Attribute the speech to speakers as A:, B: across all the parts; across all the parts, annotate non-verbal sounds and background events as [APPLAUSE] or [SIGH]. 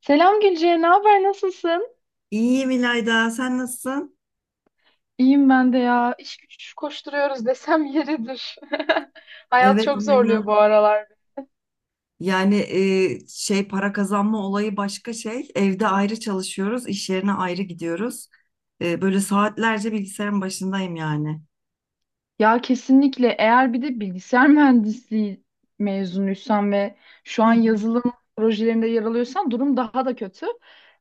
A: Selam Gülce, ne haber, nasılsın?
B: İyiyim İlayda, sen nasılsın?
A: İyiyim ben de ya. İş güç koşturuyoruz desem yeridir. [LAUGHS] Hayat
B: Evet
A: çok
B: aynen.
A: zorluyor bu aralar.
B: Yani şey para kazanma olayı başka şey. Evde ayrı çalışıyoruz, iş yerine ayrı gidiyoruz. Böyle saatlerce bilgisayarın başındayım yani.
A: Ya kesinlikle eğer bir de bilgisayar mühendisliği mezunuysan ve şu
B: Hı
A: an
B: hı.
A: yazılım projelerinde yer alıyorsan durum daha da kötü.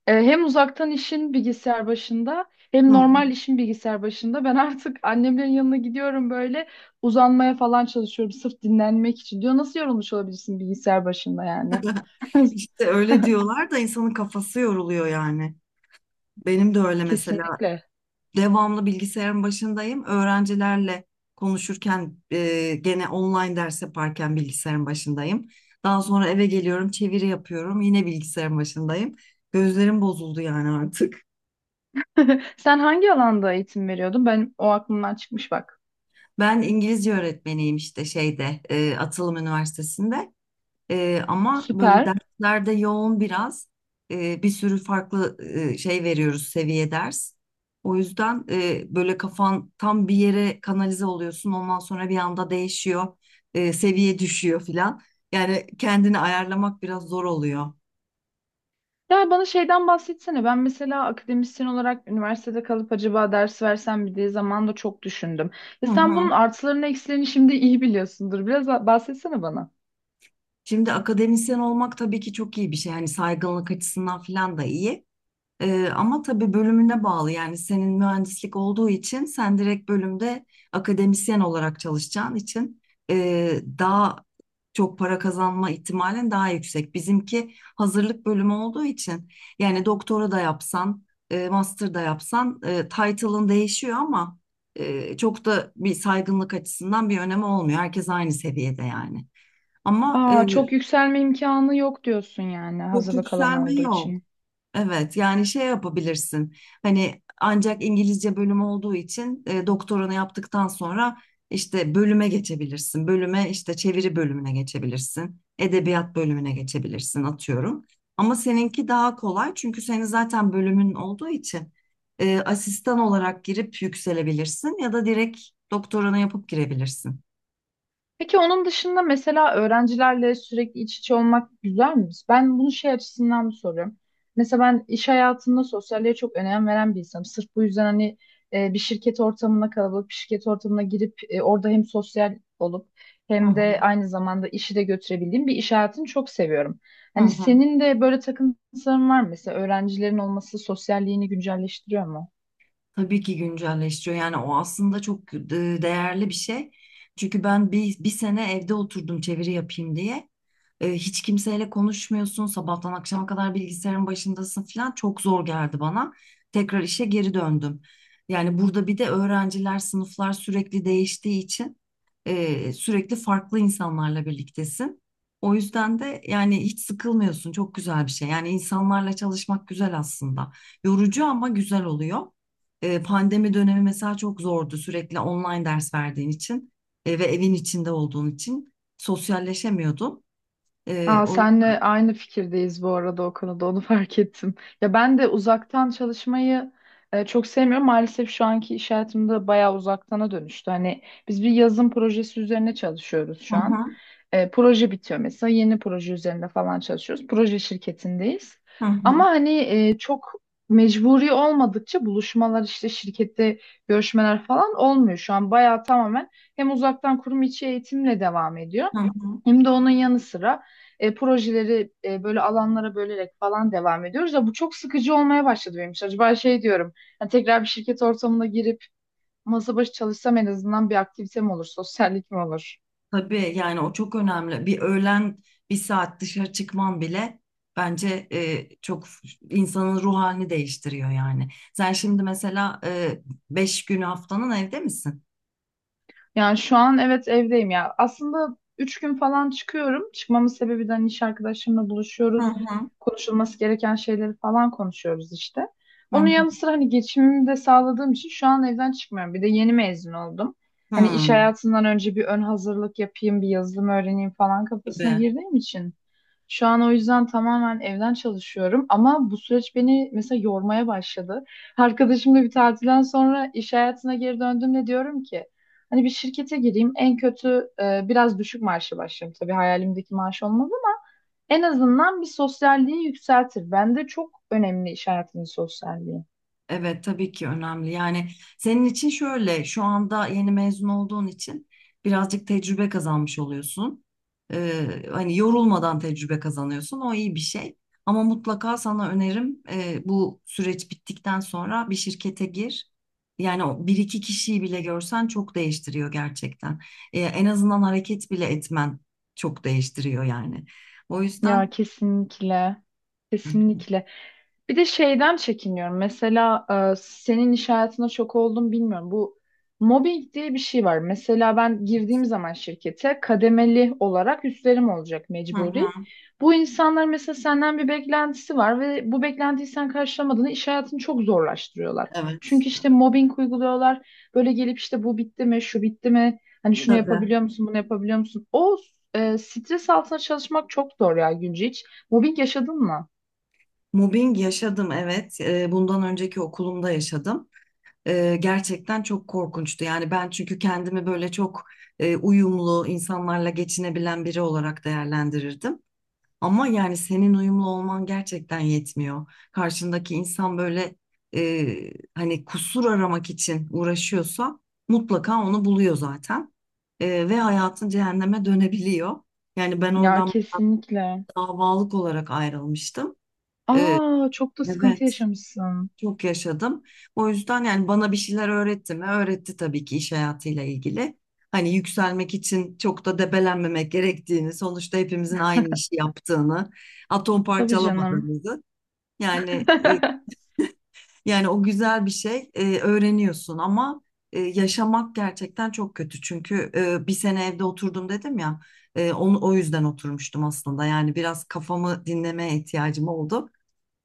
A: Hem uzaktan işin bilgisayar başında hem normal işin bilgisayar başında. Ben artık annemlerin yanına gidiyorum böyle uzanmaya falan çalışıyorum sırf dinlenmek için. Diyor nasıl yorulmuş olabilirsin bilgisayar başında yani? [LAUGHS]
B: İşte öyle diyorlar da insanın kafası yoruluyor yani. Benim de öyle mesela.
A: Kesinlikle.
B: Devamlı bilgisayarın başındayım. Öğrencilerle konuşurken gene online ders yaparken bilgisayarın başındayım. Daha sonra eve geliyorum, çeviri yapıyorum, yine bilgisayarın başındayım. Gözlerim bozuldu yani artık.
A: [LAUGHS] Sen hangi alanda eğitim veriyordun? Ben o aklımdan çıkmış bak.
B: Ben İngilizce öğretmeniyim işte şeyde Atılım Üniversitesi'nde. Ama böyle
A: Süper.
B: derslerde yoğun biraz. Bir sürü farklı şey veriyoruz seviye ders. O yüzden böyle kafan tam bir yere kanalize oluyorsun. Ondan sonra bir anda değişiyor. Seviye düşüyor filan. Yani kendini ayarlamak biraz zor oluyor.
A: Ya bana şeyden bahsetsene. Ben mesela akademisyen olarak üniversitede kalıp acaba ders versem mi diye zamanda çok düşündüm. Ya
B: Hı
A: sen
B: hı.
A: bunun artılarını eksilerini şimdi iyi biliyorsundur. Biraz bahsetsene bana.
B: Şimdi akademisyen olmak tabii ki çok iyi bir şey. Yani saygınlık açısından filan da iyi. Ama tabii bölümüne bağlı yani senin mühendislik olduğu için sen direkt bölümde akademisyen olarak çalışacağın için daha çok para kazanma ihtimalin daha yüksek. Bizimki hazırlık bölümü olduğu için yani doktora da yapsan, master da yapsan title'ın değişiyor ama çok da bir saygınlık açısından bir önemi olmuyor. Herkes aynı seviyede yani. Ama
A: Aa, çok yükselme imkanı yok diyorsun yani
B: çok
A: hazırlık alanı
B: yükselme
A: olduğu
B: yok.
A: için.
B: Evet yani şey yapabilirsin hani ancak İngilizce bölümü olduğu için doktoranı yaptıktan sonra işte bölüme geçebilirsin. Bölüme işte çeviri bölümüne geçebilirsin. Edebiyat bölümüne geçebilirsin atıyorum. Ama seninki daha kolay çünkü senin zaten bölümün olduğu için asistan olarak girip yükselebilirsin ya da direkt doktoranı yapıp girebilirsin.
A: Peki onun dışında mesela öğrencilerle sürekli iç içe olmak güzel mi? Ben bunu şey açısından soruyorum. Mesela ben iş hayatında sosyalliğe çok önem veren bir insanım. Sırf bu yüzden hani bir şirket ortamına kalabalık bir şirket ortamına girip orada hem sosyal olup
B: Hı
A: hem
B: hı.
A: de aynı zamanda işi de götürebildiğim bir iş hayatını çok seviyorum.
B: Hı
A: Hani
B: hı.
A: senin de böyle takıntıların var mı? Mesela öğrencilerin olması sosyalliğini güncelleştiriyor mu?
B: Tabii ki güncelleştiriyor. Yani o aslında çok değerli bir şey. Çünkü ben bir sene evde oturdum çeviri yapayım diye. Hiç kimseyle konuşmuyorsun. Sabahtan akşama kadar bilgisayarın başındasın falan. Çok zor geldi bana. Tekrar işe geri döndüm. Yani burada bir de öğrenciler, sınıflar sürekli değiştiği için sürekli farklı insanlarla birliktesin. O yüzden de yani hiç sıkılmıyorsun. Çok güzel bir şey. Yani insanlarla çalışmak güzel aslında. Yorucu ama güzel oluyor. Pandemi dönemi mesela çok zordu sürekli online ders verdiğin için ve evin içinde olduğun için sosyalleşemiyordun. E,
A: Aa,
B: o
A: senle aynı fikirdeyiz bu arada o konuda onu [LAUGHS] fark ettim. Ya ben de uzaktan çalışmayı çok sevmiyorum. Maalesef şu anki iş hayatımda bayağı uzaktana dönüştü. Hani biz bir yazım projesi üzerine çalışıyoruz
B: Hı
A: şu an.
B: hı,
A: Proje bitiyor mesela yeni proje üzerinde falan çalışıyoruz. Proje şirketindeyiz.
B: hı hı,
A: Ama hani çok mecburi olmadıkça buluşmalar işte şirkette görüşmeler falan olmuyor. Şu an bayağı tamamen hem uzaktan kurum içi eğitimle devam ediyor.
B: hı hı.
A: Hem de onun yanı sıra projeleri böyle alanlara bölerek falan devam ediyoruz. Ya bu çok sıkıcı olmaya başladı benim için. Acaba şey diyorum, hani tekrar bir şirket ortamına girip masa başı çalışsam en azından bir aktivitem olur, sosyallik mi olur?
B: Tabii yani o çok önemli. Bir öğlen bir saat dışarı çıkman bile bence çok insanın ruh halini değiştiriyor yani. Sen şimdi mesela 5 günü haftanın evde misin?
A: Yani şu an evet evdeyim ya. Aslında üç gün falan çıkıyorum. Çıkmamın sebebi de hani iş arkadaşımla
B: Hı
A: buluşuyoruz.
B: hı,
A: Konuşulması gereken şeyleri falan konuşuyoruz işte.
B: hı
A: Onun
B: hı.
A: yanı sıra hani geçimimi de sağladığım için şu an evden çıkmıyorum. Bir de yeni mezun oldum. Hani
B: Hı,
A: iş hayatından önce bir ön hazırlık yapayım, bir yazılım öğreneyim falan kafasına
B: tabii.
A: girdiğim için. Şu an o yüzden tamamen evden çalışıyorum ama bu süreç beni mesela yormaya başladı. Arkadaşımla bir tatilden sonra iş hayatına geri döndüğümde diyorum ki hani bir şirkete gireyim en kötü biraz düşük maaşla başlarım. Tabii hayalimdeki maaş olmaz ama en azından bir sosyalliği yükseltir. Bende çok önemli iş hayatının sosyalliği.
B: Evet tabii ki önemli. Yani senin için şöyle şu anda yeni mezun olduğun için birazcık tecrübe kazanmış oluyorsun. Hani yorulmadan tecrübe kazanıyorsun. O iyi bir şey. Ama mutlaka sana önerim bu süreç bittikten sonra bir şirkete gir. Yani o bir iki kişiyi bile görsen çok değiştiriyor gerçekten. En azından hareket bile etmen çok değiştiriyor yani. O
A: Ya
B: yüzden.
A: kesinlikle.
B: Hı
A: Kesinlikle. Bir de şeyden çekiniyorum. Mesela senin iş hayatına çok oldum bilmiyorum. Bu mobbing diye bir şey var. Mesela ben girdiğim zaman şirkete kademeli olarak üstlerim olacak mecburi.
B: hı.
A: Bu insanlar mesela senden bir beklentisi var ve bu beklentiyi sen karşılamadığında iş hayatını çok zorlaştırıyorlar.
B: Evet.
A: Çünkü işte mobbing uyguluyorlar. Böyle gelip işte bu bitti mi, şu bitti mi? Hani şunu
B: Tabii.
A: yapabiliyor musun, bunu yapabiliyor musun? O stres altında çalışmak çok zor ya Gülce hiç. Mobbing yaşadın mı?
B: Mobbing yaşadım evet. Bundan önceki okulumda yaşadım. Gerçekten çok korkunçtu. Yani ben çünkü kendimi böyle çok uyumlu insanlarla geçinebilen biri olarak değerlendirirdim. Ama yani senin uyumlu olman gerçekten yetmiyor. Karşındaki insan böyle hani kusur aramak için uğraşıyorsa mutlaka onu buluyor zaten. Ve hayatın cehenneme dönebiliyor. Yani ben
A: Ya
B: oradan
A: kesinlikle.
B: davalık olarak ayrılmıştım. Eee,
A: Aa, çok da sıkıntı
B: Evet.
A: yaşamışsın.
B: Çok yaşadım. O yüzden yani bana bir şeyler öğretti mi? Öğretti tabii ki iş hayatıyla ilgili. Hani yükselmek için çok da debelenmemek gerektiğini, sonuçta hepimizin aynı işi yaptığını, atom
A: Tabii canım.
B: parçalamadığımızı. Yani e,
A: [LAUGHS]
B: yani o güzel bir şey öğreniyorsun ama yaşamak gerçekten çok kötü. Çünkü bir sene evde oturdum dedim ya. Onu o yüzden oturmuştum aslında. Yani biraz kafamı dinlemeye ihtiyacım oldu.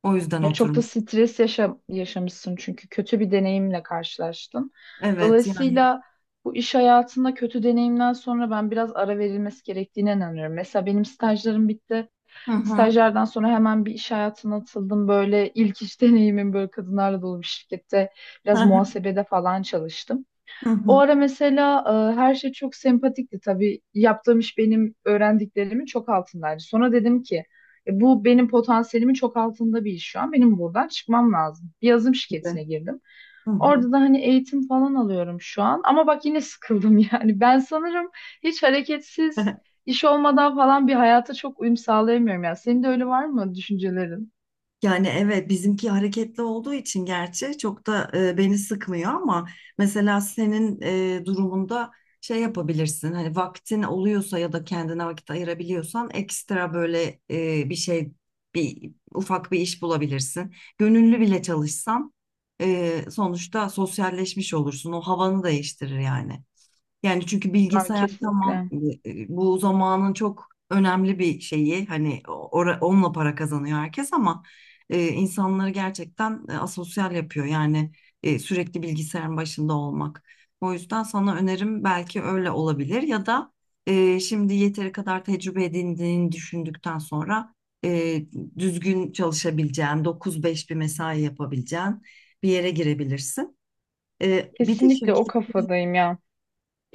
B: O yüzden
A: Ya çok da
B: oturmuştum.
A: stres yaşa yaşamışsın çünkü kötü bir deneyimle karşılaştın.
B: Evet yani.
A: Dolayısıyla bu iş hayatında kötü deneyimden sonra ben biraz ara verilmesi gerektiğine inanıyorum. Mesela benim stajlarım bitti.
B: Hı hı.
A: Stajlardan sonra hemen bir iş hayatına atıldım. Böyle ilk iş deneyimim böyle kadınlarla dolu bir şirkette biraz
B: [LAUGHS]
A: muhasebede falan çalıştım.
B: Hı
A: O
B: hı.
A: ara mesela her şey çok sempatikti tabii. Yaptığım iş benim öğrendiklerimin çok altındaydı. Sonra dedim ki "E, bu benim potansiyelimin çok altında bir iş şu an. Benim buradan çıkmam lazım. Bir yazılım
B: Bir de.
A: şirketine girdim.
B: Hı hı.
A: Orada da hani eğitim falan alıyorum şu an. Ama bak yine sıkıldım [LAUGHS] yani. Ben sanırım hiç hareketsiz
B: [LAUGHS]
A: iş olmadan falan bir hayata çok uyum sağlayamıyorum ya. Senin de öyle var mı düşüncelerin?
B: Yani evet bizimki hareketli olduğu için gerçi çok da beni sıkmıyor ama mesela senin durumunda şey yapabilirsin hani vaktin oluyorsa ya da kendine vakit ayırabiliyorsan ekstra böyle e, bir şey bir ufak bir iş bulabilirsin. Gönüllü bile çalışsan sonuçta sosyalleşmiş olursun o havanı değiştirir yani. Yani çünkü
A: Ya
B: bilgisayar tamam
A: kesinlikle.
B: bu zamanın çok önemli bir şeyi hani onunla para kazanıyor herkes ama insanları gerçekten asosyal yapıyor yani sürekli bilgisayarın başında olmak. O yüzden sana önerim belki öyle olabilir ya da şimdi yeteri kadar tecrübe edindiğini düşündükten sonra e, düzgün çalışabileceğin 9-5 bir mesai yapabileceğin bir yere girebilirsin. Bir de
A: Kesinlikle o
B: şirket
A: kafadayım ya.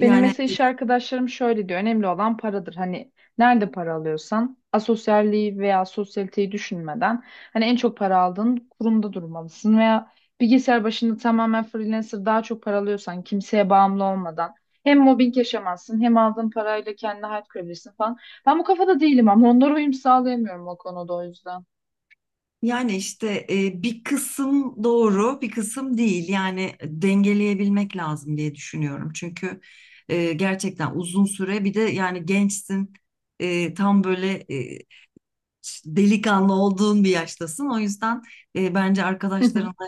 A: Benim mesela iş arkadaşlarım şöyle diyor. Önemli olan paradır. Hani nerede para alıyorsan asosyalliği veya sosyaliteyi düşünmeden hani en çok para aldığın kurumda durmalısın veya bilgisayar başında tamamen freelancer daha çok para alıyorsan kimseye bağımlı olmadan hem mobbing yaşamazsın hem aldığın parayla kendine hayat kurabilirsin falan. Ben bu kafada değilim ama onlara uyum sağlayamıyorum o konuda o yüzden.
B: Yani işte bir kısım doğru, bir kısım değil. Yani dengeleyebilmek lazım diye düşünüyorum. Çünkü gerçekten uzun süre bir de yani gençsin, tam böyle delikanlı olduğun bir yaştasın. O yüzden bence arkadaşlarınla
A: [LAUGHS]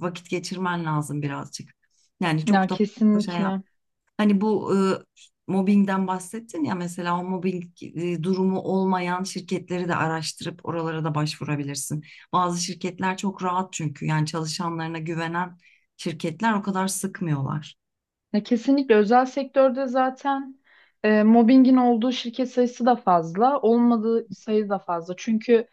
B: vakit geçirmen lazım birazcık. Yani çok
A: Ya
B: da fazla şey.
A: kesinlikle.
B: Hani bu mobbingden bahsettin ya mesela o mobbing durumu olmayan şirketleri de araştırıp oralara da başvurabilirsin. Bazı şirketler çok rahat çünkü yani çalışanlarına güvenen şirketler o kadar sıkmıyorlar.
A: Ya kesinlikle özel sektörde zaten mobbingin olduğu şirket sayısı da fazla, olmadığı sayı da fazla. Çünkü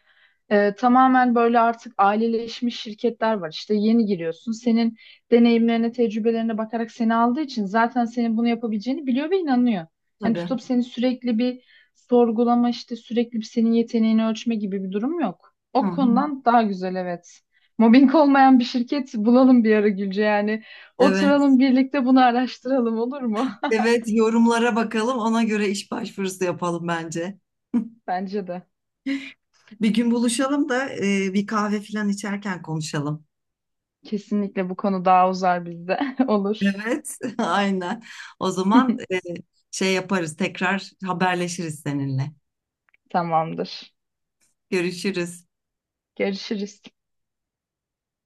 A: tamamen böyle artık aileleşmiş şirketler var. İşte yeni giriyorsun. Senin deneyimlerine, tecrübelerine bakarak seni aldığı için zaten senin bunu yapabileceğini biliyor ve inanıyor. Yani
B: Tabii.
A: tutup seni sürekli bir sorgulama, işte sürekli bir senin yeteneğini ölçme gibi bir durum yok.
B: Hı
A: O
B: hı.
A: konudan daha güzel, evet. Mobbing olmayan bir şirket bulalım bir ara Gülce yani.
B: Evet.
A: Oturalım birlikte bunu araştıralım, olur mu?
B: Evet yorumlara bakalım ona göre iş başvurusu yapalım bence.
A: [LAUGHS] Bence de.
B: Bir gün buluşalım da bir kahve falan içerken konuşalım.
A: Kesinlikle bu konu daha uzar bizde. [LAUGHS] Olur.
B: Evet, [LAUGHS] aynen. O zaman
A: [LAUGHS]
B: şey yaparız tekrar haberleşiriz seninle.
A: Tamamdır.
B: Görüşürüz.
A: Görüşürüz.